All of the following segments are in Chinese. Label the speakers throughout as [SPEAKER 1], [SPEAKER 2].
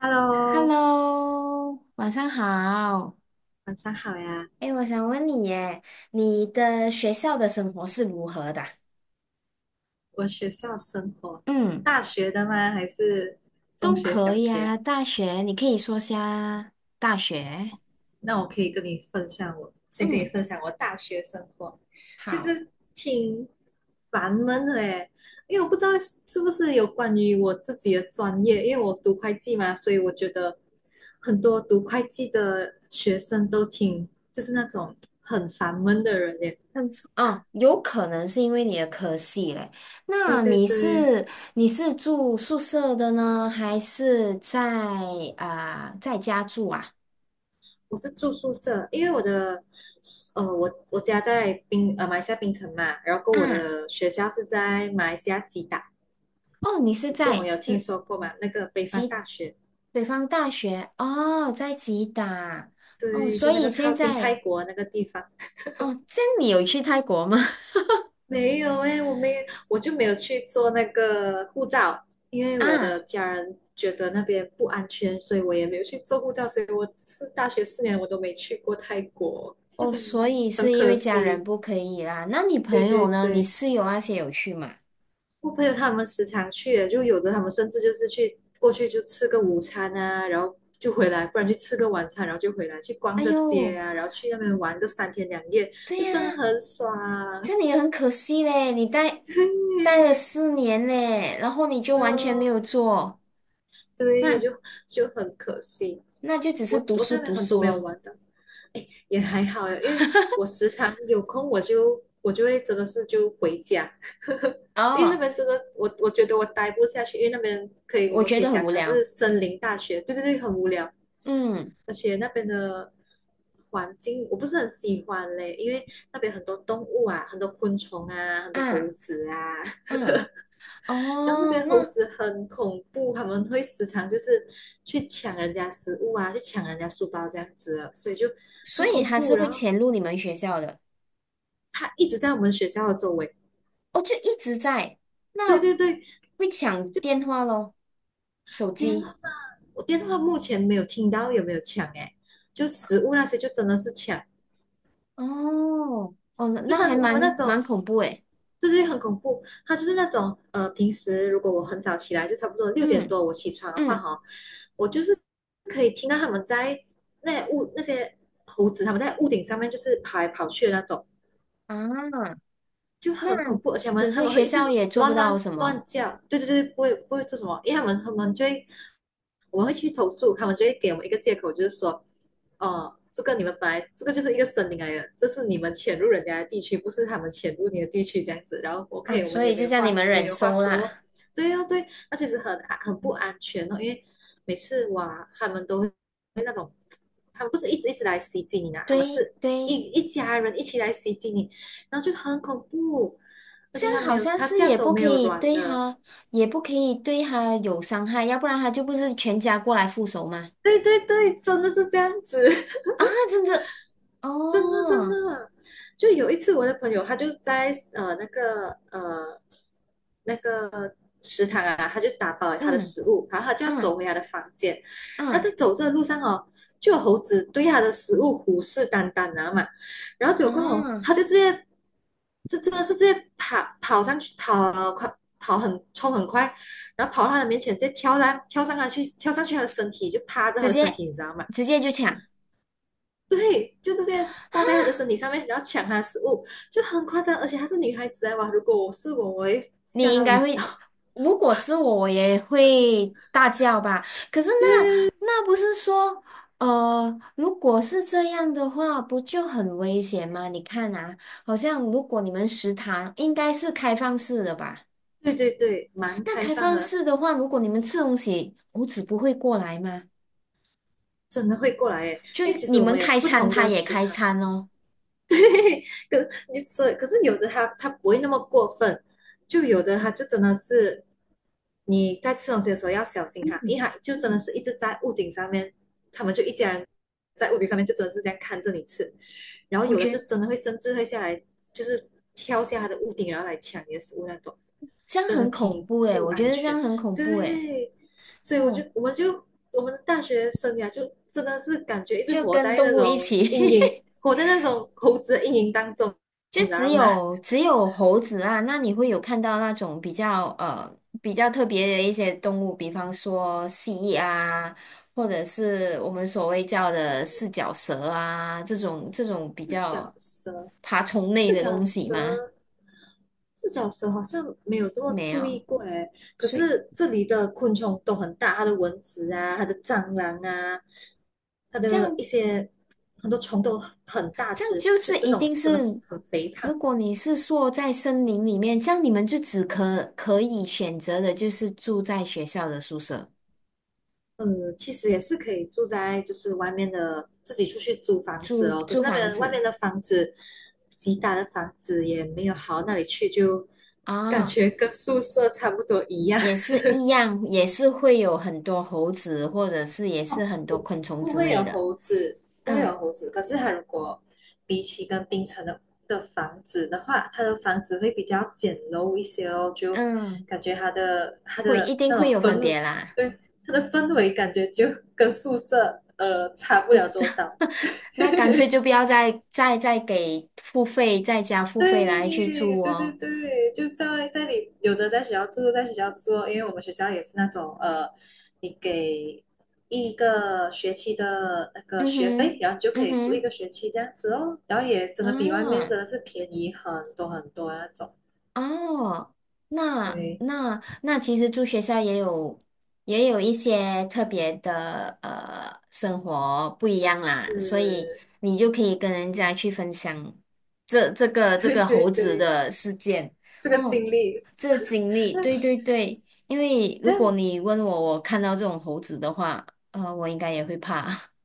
[SPEAKER 1] Hello，
[SPEAKER 2] Hello，晚上好。
[SPEAKER 1] 晚上好呀。
[SPEAKER 2] 哎，我想问你耶，你的学校的生活是如何的啊？
[SPEAKER 1] 我学校生活，
[SPEAKER 2] 嗯，
[SPEAKER 1] 大学的吗？还是中
[SPEAKER 2] 都
[SPEAKER 1] 学、
[SPEAKER 2] 可
[SPEAKER 1] 小
[SPEAKER 2] 以
[SPEAKER 1] 学啊。
[SPEAKER 2] 啊。大学，你可以说下大学。
[SPEAKER 1] 那我可以跟你分享我，先跟你
[SPEAKER 2] 嗯，
[SPEAKER 1] 分享我大学生活，其
[SPEAKER 2] 好。
[SPEAKER 1] 实挺烦闷的诶，因为我不知道是不是有关于我自己的专业，因为我读会计嘛，所以我觉得很多读会计的学生都挺，就是那种很烦闷的人耶。
[SPEAKER 2] 嗯。哦，有可能是因为你的科系嘞。
[SPEAKER 1] 对
[SPEAKER 2] 那
[SPEAKER 1] 对
[SPEAKER 2] 你
[SPEAKER 1] 对。
[SPEAKER 2] 是你是住宿舍的呢，还是在家住啊？
[SPEAKER 1] 我是住宿舍，因为我家在马来西亚槟城嘛，然后我
[SPEAKER 2] 啊，
[SPEAKER 1] 的学校是在马来西亚吉打，
[SPEAKER 2] 哦，你是
[SPEAKER 1] 不懂
[SPEAKER 2] 在。
[SPEAKER 1] 有听
[SPEAKER 2] 嗯。
[SPEAKER 1] 说过吗？那个北方大学，
[SPEAKER 2] 北方大学哦，在吉打。哦，
[SPEAKER 1] 对，
[SPEAKER 2] 所
[SPEAKER 1] 就那
[SPEAKER 2] 以
[SPEAKER 1] 个靠
[SPEAKER 2] 现
[SPEAKER 1] 近泰
[SPEAKER 2] 在
[SPEAKER 1] 国那个地方。
[SPEAKER 2] 哦，这样你有去泰国吗？
[SPEAKER 1] 没有诶，我就没有去做那个护照，因 为我
[SPEAKER 2] 啊。
[SPEAKER 1] 的家人觉得那边不安全，所以我也没有去做护照，所以我是大学4年我都没去过泰国，
[SPEAKER 2] 哦，所以
[SPEAKER 1] 很
[SPEAKER 2] 是因
[SPEAKER 1] 可
[SPEAKER 2] 为家人
[SPEAKER 1] 惜。
[SPEAKER 2] 不可以啦。那你
[SPEAKER 1] 对
[SPEAKER 2] 朋
[SPEAKER 1] 对
[SPEAKER 2] 友呢？你
[SPEAKER 1] 对。
[SPEAKER 2] 室友那些有去吗？
[SPEAKER 1] 我朋友他们时常去的，就有的他们甚至就是去过去就吃个午餐啊，然后就回来，不然去吃个晚餐，然后就回来去逛
[SPEAKER 2] 哎
[SPEAKER 1] 个街
[SPEAKER 2] 呦，
[SPEAKER 1] 啊，然后去那边玩个三天两夜，
[SPEAKER 2] 对
[SPEAKER 1] 就真的
[SPEAKER 2] 呀，
[SPEAKER 1] 很爽。
[SPEAKER 2] 这样你很可惜嘞，你待 待了
[SPEAKER 1] 对，
[SPEAKER 2] 4年嘞，然后你就
[SPEAKER 1] 是
[SPEAKER 2] 完全没
[SPEAKER 1] 哦，
[SPEAKER 2] 有做。
[SPEAKER 1] 对，
[SPEAKER 2] 那
[SPEAKER 1] 就很可惜，
[SPEAKER 2] 那就只是
[SPEAKER 1] 我
[SPEAKER 2] 读
[SPEAKER 1] 我
[SPEAKER 2] 书
[SPEAKER 1] 在那
[SPEAKER 2] 读
[SPEAKER 1] 边很多
[SPEAKER 2] 书
[SPEAKER 1] 没有
[SPEAKER 2] 咯。
[SPEAKER 1] 玩的，也还好啊，因为我 时常有空我就会真的是就回家，因为那
[SPEAKER 2] 哦，
[SPEAKER 1] 边真的，我觉得我待不下去，因为那边可以，我
[SPEAKER 2] 我
[SPEAKER 1] 们
[SPEAKER 2] 觉
[SPEAKER 1] 可以
[SPEAKER 2] 得很
[SPEAKER 1] 讲
[SPEAKER 2] 无
[SPEAKER 1] 它是
[SPEAKER 2] 聊。
[SPEAKER 1] 森林大学，对对对，很无聊，
[SPEAKER 2] 嗯，
[SPEAKER 1] 而且那边的环境我不是很喜欢嘞，因为那边很多动物啊，很多昆虫啊，很多猴
[SPEAKER 2] 啊
[SPEAKER 1] 子啊。
[SPEAKER 2] 啊，
[SPEAKER 1] 然后那
[SPEAKER 2] 哦，
[SPEAKER 1] 边猴
[SPEAKER 2] 那。
[SPEAKER 1] 子很恐怖，他们会时常就是去抢人家食物啊，去抢人家书包这样子的，所以就
[SPEAKER 2] 所
[SPEAKER 1] 很
[SPEAKER 2] 以
[SPEAKER 1] 恐
[SPEAKER 2] 他是
[SPEAKER 1] 怖，然
[SPEAKER 2] 会
[SPEAKER 1] 后
[SPEAKER 2] 潜入你们学校的？
[SPEAKER 1] 它一直在我们学校的周围。
[SPEAKER 2] 哦，就一直在。
[SPEAKER 1] 对
[SPEAKER 2] 那
[SPEAKER 1] 对对。
[SPEAKER 2] 会抢电话咯？手
[SPEAKER 1] 电
[SPEAKER 2] 机？
[SPEAKER 1] 话，我电话目前没有听到有没有抢哎，就食物那些就真的是抢，
[SPEAKER 2] 哦，哦，那
[SPEAKER 1] 就
[SPEAKER 2] 那
[SPEAKER 1] 他
[SPEAKER 2] 还
[SPEAKER 1] 他们那
[SPEAKER 2] 蛮
[SPEAKER 1] 种
[SPEAKER 2] 恐怖诶。
[SPEAKER 1] 就是很恐怖，他就是那种平时如果我很早起来，就差不多六点
[SPEAKER 2] 嗯
[SPEAKER 1] 多我起床的话
[SPEAKER 2] 嗯，
[SPEAKER 1] 哈，我就是可以听到他们在那些猴子他们在屋顶上面就是跑来跑去的那种，
[SPEAKER 2] 啊，
[SPEAKER 1] 就
[SPEAKER 2] 那
[SPEAKER 1] 很恐怖，而且他
[SPEAKER 2] 可
[SPEAKER 1] 们他
[SPEAKER 2] 是
[SPEAKER 1] 们会
[SPEAKER 2] 学
[SPEAKER 1] 一
[SPEAKER 2] 校
[SPEAKER 1] 直
[SPEAKER 2] 也做不
[SPEAKER 1] 乱
[SPEAKER 2] 到
[SPEAKER 1] 乱
[SPEAKER 2] 什
[SPEAKER 1] 乱
[SPEAKER 2] 么。
[SPEAKER 1] 叫。对对对。不会做什么，因为他们他们就会我们会去投诉，他们就会给我们一个借口，就是说，哦，这个你们本来这个就是一个森林来的，这是你们潜入人家的地区，不是他们潜入你的地区这样子。然后
[SPEAKER 2] 啊，
[SPEAKER 1] OK，我
[SPEAKER 2] 所
[SPEAKER 1] 们也
[SPEAKER 2] 以就叫你们
[SPEAKER 1] 没
[SPEAKER 2] 忍
[SPEAKER 1] 有话
[SPEAKER 2] 受
[SPEAKER 1] 说咯。
[SPEAKER 2] 啦。
[SPEAKER 1] 对哦，对啊，那其实很不安全哦，因为每次哇，他们都会那种，他们不是一直一直来袭击你呢，他们
[SPEAKER 2] 对
[SPEAKER 1] 是一
[SPEAKER 2] 对，
[SPEAKER 1] 一家人一起来袭击你，然后就很恐怖，而
[SPEAKER 2] 这
[SPEAKER 1] 且
[SPEAKER 2] 样好像
[SPEAKER 1] 他
[SPEAKER 2] 是
[SPEAKER 1] 下
[SPEAKER 2] 也
[SPEAKER 1] 手
[SPEAKER 2] 不
[SPEAKER 1] 没
[SPEAKER 2] 可
[SPEAKER 1] 有
[SPEAKER 2] 以
[SPEAKER 1] 软
[SPEAKER 2] 对
[SPEAKER 1] 的。
[SPEAKER 2] 他，也不可以对他有伤害，要不然他就不是全家过来复仇吗？
[SPEAKER 1] 对对对，真的是这样子。
[SPEAKER 2] 啊，真的，
[SPEAKER 1] 真的真
[SPEAKER 2] 哦，
[SPEAKER 1] 的，就有一次我的朋友他就在那个食堂啊，他就打包了他的
[SPEAKER 2] 嗯
[SPEAKER 1] 食物，然后他就要
[SPEAKER 2] 嗯。
[SPEAKER 1] 走回他的房间，然后
[SPEAKER 2] 嗯，
[SPEAKER 1] 在走这个路上哦，就有猴子对他的食物虎视眈眈啊嘛，然后结果过后
[SPEAKER 2] 啊，
[SPEAKER 1] 他就直接就真的是直接跑跑上去跑快跑很冲很快，然后跑到他的面前，直接跳上跳上他去跳上去他的身体，就趴着他
[SPEAKER 2] 直
[SPEAKER 1] 的身
[SPEAKER 2] 接
[SPEAKER 1] 体，你知道吗？
[SPEAKER 2] 直接就抢。
[SPEAKER 1] 对，就直接挂在他的身体上面，然后抢他的食物，就很夸张。而且她是女孩子啊，哇！如果我是我，我会吓
[SPEAKER 2] 你应
[SPEAKER 1] 到
[SPEAKER 2] 该
[SPEAKER 1] 晕
[SPEAKER 2] 会。
[SPEAKER 1] 倒。
[SPEAKER 2] 如果是我，我也会大叫吧。可是 那
[SPEAKER 1] 对
[SPEAKER 2] 那不是说，如果是这样的话，不就很危险吗？你看啊，好像如果你们食堂应该是开放式的吧？
[SPEAKER 1] 对对对，蛮
[SPEAKER 2] 那
[SPEAKER 1] 开
[SPEAKER 2] 开
[SPEAKER 1] 放
[SPEAKER 2] 放
[SPEAKER 1] 的。
[SPEAKER 2] 式的话，如果你们吃东西，猴子不会过来吗？
[SPEAKER 1] 真的会过来哎，
[SPEAKER 2] 就
[SPEAKER 1] 因为其实
[SPEAKER 2] 你
[SPEAKER 1] 我
[SPEAKER 2] 们
[SPEAKER 1] 们有
[SPEAKER 2] 开
[SPEAKER 1] 不
[SPEAKER 2] 餐，
[SPEAKER 1] 同
[SPEAKER 2] 他
[SPEAKER 1] 的
[SPEAKER 2] 也
[SPEAKER 1] 食
[SPEAKER 2] 开
[SPEAKER 1] 堂。
[SPEAKER 2] 餐哦。
[SPEAKER 1] 对。可你所可是有的它不会那么过分，就有的它就真的是你在吃东西的时候要小心它，因为它就真的
[SPEAKER 2] 嗯，
[SPEAKER 1] 是一直在屋顶上面，他们就一家人在屋顶上面就真的是这样看着你吃，然后
[SPEAKER 2] 我
[SPEAKER 1] 有的
[SPEAKER 2] 觉
[SPEAKER 1] 就
[SPEAKER 2] 得
[SPEAKER 1] 真的会甚至会下来，就是跳下它的屋顶然后来抢你的食物那种，
[SPEAKER 2] 这样
[SPEAKER 1] 真的
[SPEAKER 2] 很恐
[SPEAKER 1] 挺
[SPEAKER 2] 怖诶，
[SPEAKER 1] 不
[SPEAKER 2] 我觉
[SPEAKER 1] 安
[SPEAKER 2] 得这样
[SPEAKER 1] 全。
[SPEAKER 2] 很恐怖诶。
[SPEAKER 1] 对，所以我就
[SPEAKER 2] 哦。
[SPEAKER 1] 我们就我们的大学生涯就真的是感觉一直
[SPEAKER 2] 就
[SPEAKER 1] 活
[SPEAKER 2] 跟
[SPEAKER 1] 在
[SPEAKER 2] 动
[SPEAKER 1] 那
[SPEAKER 2] 物一
[SPEAKER 1] 种
[SPEAKER 2] 起，
[SPEAKER 1] 阴影，活在那种猴子的阴影当中，
[SPEAKER 2] 就
[SPEAKER 1] 你知
[SPEAKER 2] 只
[SPEAKER 1] 道吗？
[SPEAKER 2] 有只有猴子啊。那你会有看到那种比较特别的一些动物，比方说蜥蜴啊，或者是我们所谓叫的四脚蛇啊，这种比
[SPEAKER 1] 四
[SPEAKER 2] 较
[SPEAKER 1] 脚蛇，
[SPEAKER 2] 爬虫类
[SPEAKER 1] 四
[SPEAKER 2] 的
[SPEAKER 1] 脚
[SPEAKER 2] 东西吗？
[SPEAKER 1] 蛇，四脚蛇好像没有这么
[SPEAKER 2] 没
[SPEAKER 1] 注
[SPEAKER 2] 有。
[SPEAKER 1] 意过哎。可
[SPEAKER 2] 所以
[SPEAKER 1] 是这里的昆虫都很大，它的蚊子啊，它的蟑螂啊，它
[SPEAKER 2] 这
[SPEAKER 1] 的一
[SPEAKER 2] 样
[SPEAKER 1] 些很多虫都很大
[SPEAKER 2] 这样
[SPEAKER 1] 只，
[SPEAKER 2] 就
[SPEAKER 1] 就
[SPEAKER 2] 是
[SPEAKER 1] 这
[SPEAKER 2] 一
[SPEAKER 1] 种
[SPEAKER 2] 定
[SPEAKER 1] 真的
[SPEAKER 2] 是。
[SPEAKER 1] 很肥胖。
[SPEAKER 2] 如果你是说在森林里面，这样你们就只可以选择的就是住在学校的宿舍。
[SPEAKER 1] 其实也是可以住在就是外面的，自己出去租房子
[SPEAKER 2] 租
[SPEAKER 1] 咯。可是
[SPEAKER 2] 租
[SPEAKER 1] 那
[SPEAKER 2] 房
[SPEAKER 1] 边外面
[SPEAKER 2] 子
[SPEAKER 1] 的房子，吉打的房子也没有好到哪里去，就 感
[SPEAKER 2] 啊，
[SPEAKER 1] 觉跟宿舍差不多一样。
[SPEAKER 2] 也是一样，也是会有很多猴子，或者是也是很 多
[SPEAKER 1] 不
[SPEAKER 2] 昆虫
[SPEAKER 1] 不
[SPEAKER 2] 之
[SPEAKER 1] 会
[SPEAKER 2] 类
[SPEAKER 1] 有
[SPEAKER 2] 的。
[SPEAKER 1] 猴子，不会有
[SPEAKER 2] 嗯
[SPEAKER 1] 猴子。可是它如果比起跟槟城的房子的话，它的房子会比较简陋一些哦，就
[SPEAKER 2] 嗯，
[SPEAKER 1] 感觉它的它
[SPEAKER 2] 会
[SPEAKER 1] 的
[SPEAKER 2] 一定
[SPEAKER 1] 那
[SPEAKER 2] 会
[SPEAKER 1] 种
[SPEAKER 2] 有分
[SPEAKER 1] 氛，
[SPEAKER 2] 别啦。
[SPEAKER 1] 对，它的氛围感觉就跟宿舍差不了多少。
[SPEAKER 2] 那干脆就不要再给付费，再加付费来去
[SPEAKER 1] 对
[SPEAKER 2] 住
[SPEAKER 1] 对对
[SPEAKER 2] 哦。
[SPEAKER 1] 对，就在里，有的在学校住，在学校住，因为我们学校也是那种你给一个学期的那个
[SPEAKER 2] 嗯
[SPEAKER 1] 学费，
[SPEAKER 2] 哼，
[SPEAKER 1] 然后你就可
[SPEAKER 2] 嗯
[SPEAKER 1] 以住一
[SPEAKER 2] 哼，
[SPEAKER 1] 个学期这样子哦，然后也真的比外面
[SPEAKER 2] 啊。
[SPEAKER 1] 真的是便宜很多很多那种。
[SPEAKER 2] 哦，那
[SPEAKER 1] 对。
[SPEAKER 2] 那那其实住学校也有一些特别的生活不一样啦，所以
[SPEAKER 1] 是。
[SPEAKER 2] 你就可以跟人家去分享这这 个这
[SPEAKER 1] 对
[SPEAKER 2] 个
[SPEAKER 1] 对
[SPEAKER 2] 猴子
[SPEAKER 1] 对，
[SPEAKER 2] 的事件。
[SPEAKER 1] 这个
[SPEAKER 2] 哦，
[SPEAKER 1] 经历。
[SPEAKER 2] 这个经历。
[SPEAKER 1] 那
[SPEAKER 2] 对对对，因为如果
[SPEAKER 1] 那。
[SPEAKER 2] 你问我看到这种猴子的话，我应该也会怕。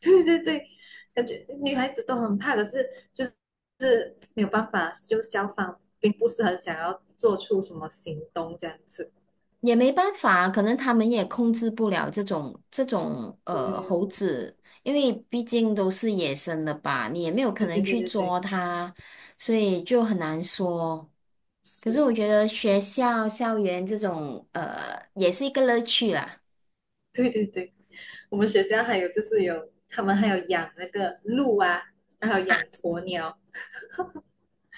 [SPEAKER 1] 对对对，感觉女孩子都很怕，可是就是没有办法，就消防并不是很想要做出什么行动这样子。
[SPEAKER 2] 也没办法，可能他们也控制不了这种
[SPEAKER 1] 对
[SPEAKER 2] 猴
[SPEAKER 1] 哦。
[SPEAKER 2] 子，因为毕竟都是野生的吧，你也没有可
[SPEAKER 1] 对
[SPEAKER 2] 能
[SPEAKER 1] 对对
[SPEAKER 2] 去
[SPEAKER 1] 对对。
[SPEAKER 2] 捉它，所以就很难说。可是
[SPEAKER 1] 是。
[SPEAKER 2] 我觉得学校校园这种也是一个乐趣啦。
[SPEAKER 1] 对对对，我们学校还有他们还有养那个鹿啊，然后养鸵鸟，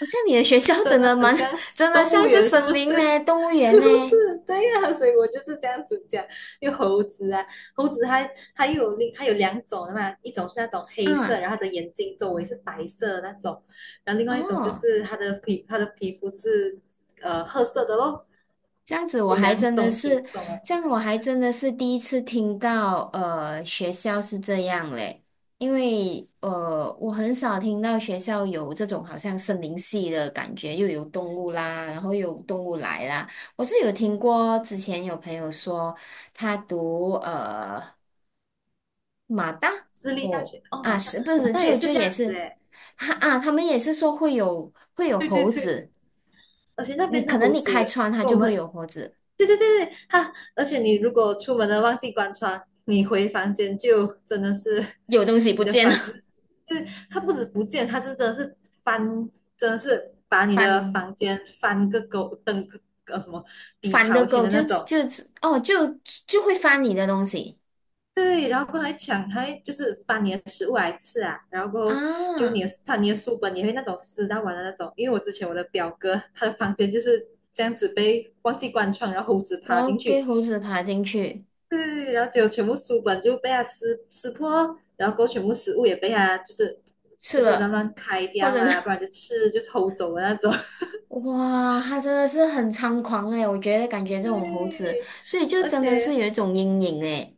[SPEAKER 2] 好像你的学
[SPEAKER 1] 这
[SPEAKER 2] 校
[SPEAKER 1] 真
[SPEAKER 2] 真
[SPEAKER 1] 的
[SPEAKER 2] 的
[SPEAKER 1] 很
[SPEAKER 2] 蛮
[SPEAKER 1] 像
[SPEAKER 2] 真的
[SPEAKER 1] 动物
[SPEAKER 2] 像是
[SPEAKER 1] 园，是
[SPEAKER 2] 森
[SPEAKER 1] 不
[SPEAKER 2] 林
[SPEAKER 1] 是？
[SPEAKER 2] 嘞，动物 园
[SPEAKER 1] 是不
[SPEAKER 2] 嘞。
[SPEAKER 1] 是？对呀、所以我就是这样子讲。因为猴子啊，猴子它它又有另它有两种的嘛，一种是那种黑色，
[SPEAKER 2] 嗯，
[SPEAKER 1] 然后它的眼睛周围是白色的那种，然后另外一种就
[SPEAKER 2] 哦。
[SPEAKER 1] 是它的皮肤是褐色的咯，
[SPEAKER 2] 这样子我
[SPEAKER 1] 有
[SPEAKER 2] 还
[SPEAKER 1] 两
[SPEAKER 2] 真的
[SPEAKER 1] 种品
[SPEAKER 2] 是，
[SPEAKER 1] 种哎。
[SPEAKER 2] 这样我还真的是第一次听到。学校是这样嘞。因为我很少听到学校有这种好像森林系的感觉，又有动物啦，然后又有动物来啦。我是有听过，之前有朋友说他读马大。
[SPEAKER 1] 私立大
[SPEAKER 2] 哦，
[SPEAKER 1] 学哦，
[SPEAKER 2] 啊，
[SPEAKER 1] 马大
[SPEAKER 2] 是不
[SPEAKER 1] 马
[SPEAKER 2] 是
[SPEAKER 1] 大也
[SPEAKER 2] 就
[SPEAKER 1] 是
[SPEAKER 2] 就
[SPEAKER 1] 这
[SPEAKER 2] 也
[SPEAKER 1] 样子
[SPEAKER 2] 是，
[SPEAKER 1] 哎。
[SPEAKER 2] 他们也是说会有
[SPEAKER 1] 对对
[SPEAKER 2] 猴
[SPEAKER 1] 对，
[SPEAKER 2] 子。
[SPEAKER 1] 而且那
[SPEAKER 2] 你
[SPEAKER 1] 边的
[SPEAKER 2] 可能
[SPEAKER 1] 猴
[SPEAKER 2] 你开
[SPEAKER 1] 子
[SPEAKER 2] 窗它
[SPEAKER 1] 跟我
[SPEAKER 2] 就会
[SPEAKER 1] 们，
[SPEAKER 2] 有猴子。
[SPEAKER 1] 对对对对，而且你如果出门了忘记关窗，你回房间就真的是
[SPEAKER 2] 有东西不
[SPEAKER 1] 你的
[SPEAKER 2] 见
[SPEAKER 1] 房，
[SPEAKER 2] 了。
[SPEAKER 1] 就是它不止不见，它是真的是翻，真的是把你的
[SPEAKER 2] 反
[SPEAKER 1] 房间翻个狗，登个呃什么底
[SPEAKER 2] 反的
[SPEAKER 1] 朝天
[SPEAKER 2] 狗
[SPEAKER 1] 的那
[SPEAKER 2] 就
[SPEAKER 1] 种，
[SPEAKER 2] 就哦就就会翻你的东西
[SPEAKER 1] 对，然后还抢，还就是翻你的食物来吃啊，然后过后就你
[SPEAKER 2] 啊，
[SPEAKER 1] 的他你的书本也会那种撕到完的那种，因为我之前我的表哥他的房间就是这样子被忘记关窗，然后猴子
[SPEAKER 2] 然
[SPEAKER 1] 爬进
[SPEAKER 2] 后给
[SPEAKER 1] 去，
[SPEAKER 2] 猴子爬进去
[SPEAKER 1] 对，然后就全部书本就被他撕破，然后过后全部食物也被他就是
[SPEAKER 2] 吃
[SPEAKER 1] 乱
[SPEAKER 2] 了，
[SPEAKER 1] 乱开
[SPEAKER 2] 或
[SPEAKER 1] 掉
[SPEAKER 2] 者是
[SPEAKER 1] 啊，不 然就偷走的那种。
[SPEAKER 2] 哇，它真的是很猖狂诶，我觉得感觉 这种猴子，
[SPEAKER 1] 对。
[SPEAKER 2] 所以就
[SPEAKER 1] 而
[SPEAKER 2] 真的是
[SPEAKER 1] 且
[SPEAKER 2] 有一种阴影诶。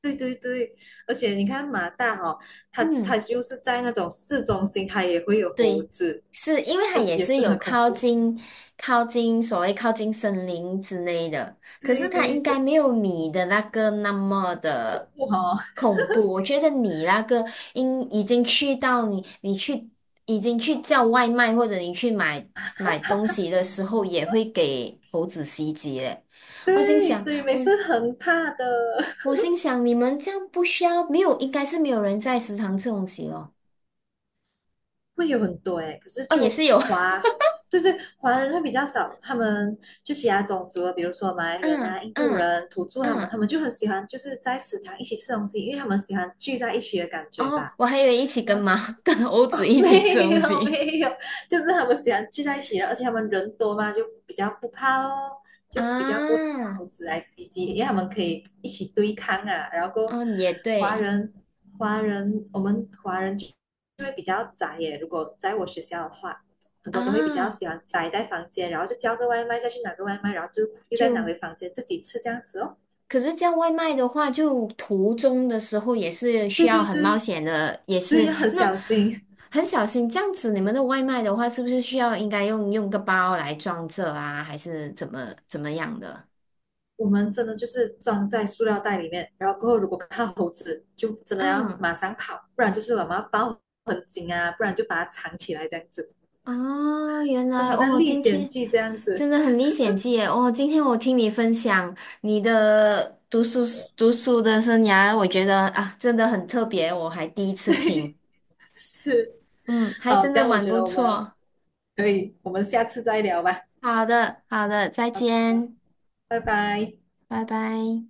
[SPEAKER 1] 对对对，而且你看马大哈、哦，它
[SPEAKER 2] 嗯。
[SPEAKER 1] 就是在那种市中心，他也会有猴
[SPEAKER 2] 对，
[SPEAKER 1] 子，
[SPEAKER 2] 是因为它
[SPEAKER 1] 就
[SPEAKER 2] 也
[SPEAKER 1] 也
[SPEAKER 2] 是
[SPEAKER 1] 是很
[SPEAKER 2] 有
[SPEAKER 1] 恐
[SPEAKER 2] 靠
[SPEAKER 1] 怖。
[SPEAKER 2] 近靠近所谓靠近森林之类的，可是
[SPEAKER 1] 对
[SPEAKER 2] 它
[SPEAKER 1] 对
[SPEAKER 2] 应该
[SPEAKER 1] 对，
[SPEAKER 2] 没有你的那个那么
[SPEAKER 1] 恐
[SPEAKER 2] 的
[SPEAKER 1] 怖哈哦。
[SPEAKER 2] 恐怖。我觉得你那个应已经去到你你去已经去叫外卖或者你去买东西的时候，也会给猴子袭击嘞。我心
[SPEAKER 1] 对，
[SPEAKER 2] 想，
[SPEAKER 1] 所以每
[SPEAKER 2] 我
[SPEAKER 1] 次很怕的。
[SPEAKER 2] 我心想，你们这样不需要，没有，应该是没有人在食堂吃东西咯。
[SPEAKER 1] 会有很多诶，可是
[SPEAKER 2] 哦，也是有。
[SPEAKER 1] 对对，华人会比较少，他们就其他种族的比如说马来 人
[SPEAKER 2] 嗯
[SPEAKER 1] 啊、印度
[SPEAKER 2] 嗯
[SPEAKER 1] 人、土著他们，他
[SPEAKER 2] 嗯。
[SPEAKER 1] 们就很喜欢就是在食堂一起吃东西，因为他们喜欢聚在一起的感觉
[SPEAKER 2] 哦，
[SPEAKER 1] 吧。
[SPEAKER 2] 我还以为一起跟
[SPEAKER 1] 然后。
[SPEAKER 2] 猫、跟欧子 一起吃
[SPEAKER 1] 没
[SPEAKER 2] 东
[SPEAKER 1] 有
[SPEAKER 2] 西
[SPEAKER 1] 没有，就是他们喜欢聚在一起了而且他们人多嘛，就比较不怕咯，就比较不会怕
[SPEAKER 2] 啊。
[SPEAKER 1] 猴子来袭击，因为他们可以一起对抗啊。然后过
[SPEAKER 2] 嗯，也
[SPEAKER 1] 华
[SPEAKER 2] 对
[SPEAKER 1] 人，华人我们华人就会比较宅耶。如果在我学校的话，很多都会比较
[SPEAKER 2] 啊。
[SPEAKER 1] 喜欢宅在房间，然后就叫个外卖，再去拿个外卖，然后就又再拿
[SPEAKER 2] 就
[SPEAKER 1] 回房间自己吃这样子哦。
[SPEAKER 2] 可是叫外卖的话，就途中的时候也是需
[SPEAKER 1] 对
[SPEAKER 2] 要
[SPEAKER 1] 对
[SPEAKER 2] 很冒
[SPEAKER 1] 对。
[SPEAKER 2] 险的，也
[SPEAKER 1] 对，
[SPEAKER 2] 是
[SPEAKER 1] 要很小心。
[SPEAKER 2] 很小心。这样子，你们的外卖的话，是不是需要应该用个包来装着啊，还是怎么样的？
[SPEAKER 1] 我们真的就是装在塑料袋里面，然后过后如果看到猴子，就真的要
[SPEAKER 2] 嗯。
[SPEAKER 1] 马上跑，不然就是我们要抱很紧啊，不然就把它藏起来这样子，
[SPEAKER 2] 哦，原
[SPEAKER 1] 就
[SPEAKER 2] 来
[SPEAKER 1] 好像
[SPEAKER 2] 哦，
[SPEAKER 1] 历
[SPEAKER 2] 今
[SPEAKER 1] 险
[SPEAKER 2] 天
[SPEAKER 1] 记这样
[SPEAKER 2] 真
[SPEAKER 1] 子。
[SPEAKER 2] 的很历险记耶！哦，今天我听你分享你的读书的生涯，我觉得啊，真的很特别，我还第一次听，
[SPEAKER 1] 是。
[SPEAKER 2] 嗯，还
[SPEAKER 1] 好，
[SPEAKER 2] 真
[SPEAKER 1] 这
[SPEAKER 2] 的
[SPEAKER 1] 样我
[SPEAKER 2] 蛮
[SPEAKER 1] 觉
[SPEAKER 2] 不
[SPEAKER 1] 得
[SPEAKER 2] 错。
[SPEAKER 1] 我们下次再聊吧。
[SPEAKER 2] 好的，好的，再
[SPEAKER 1] 好，
[SPEAKER 2] 见，
[SPEAKER 1] 拜拜。
[SPEAKER 2] 拜拜。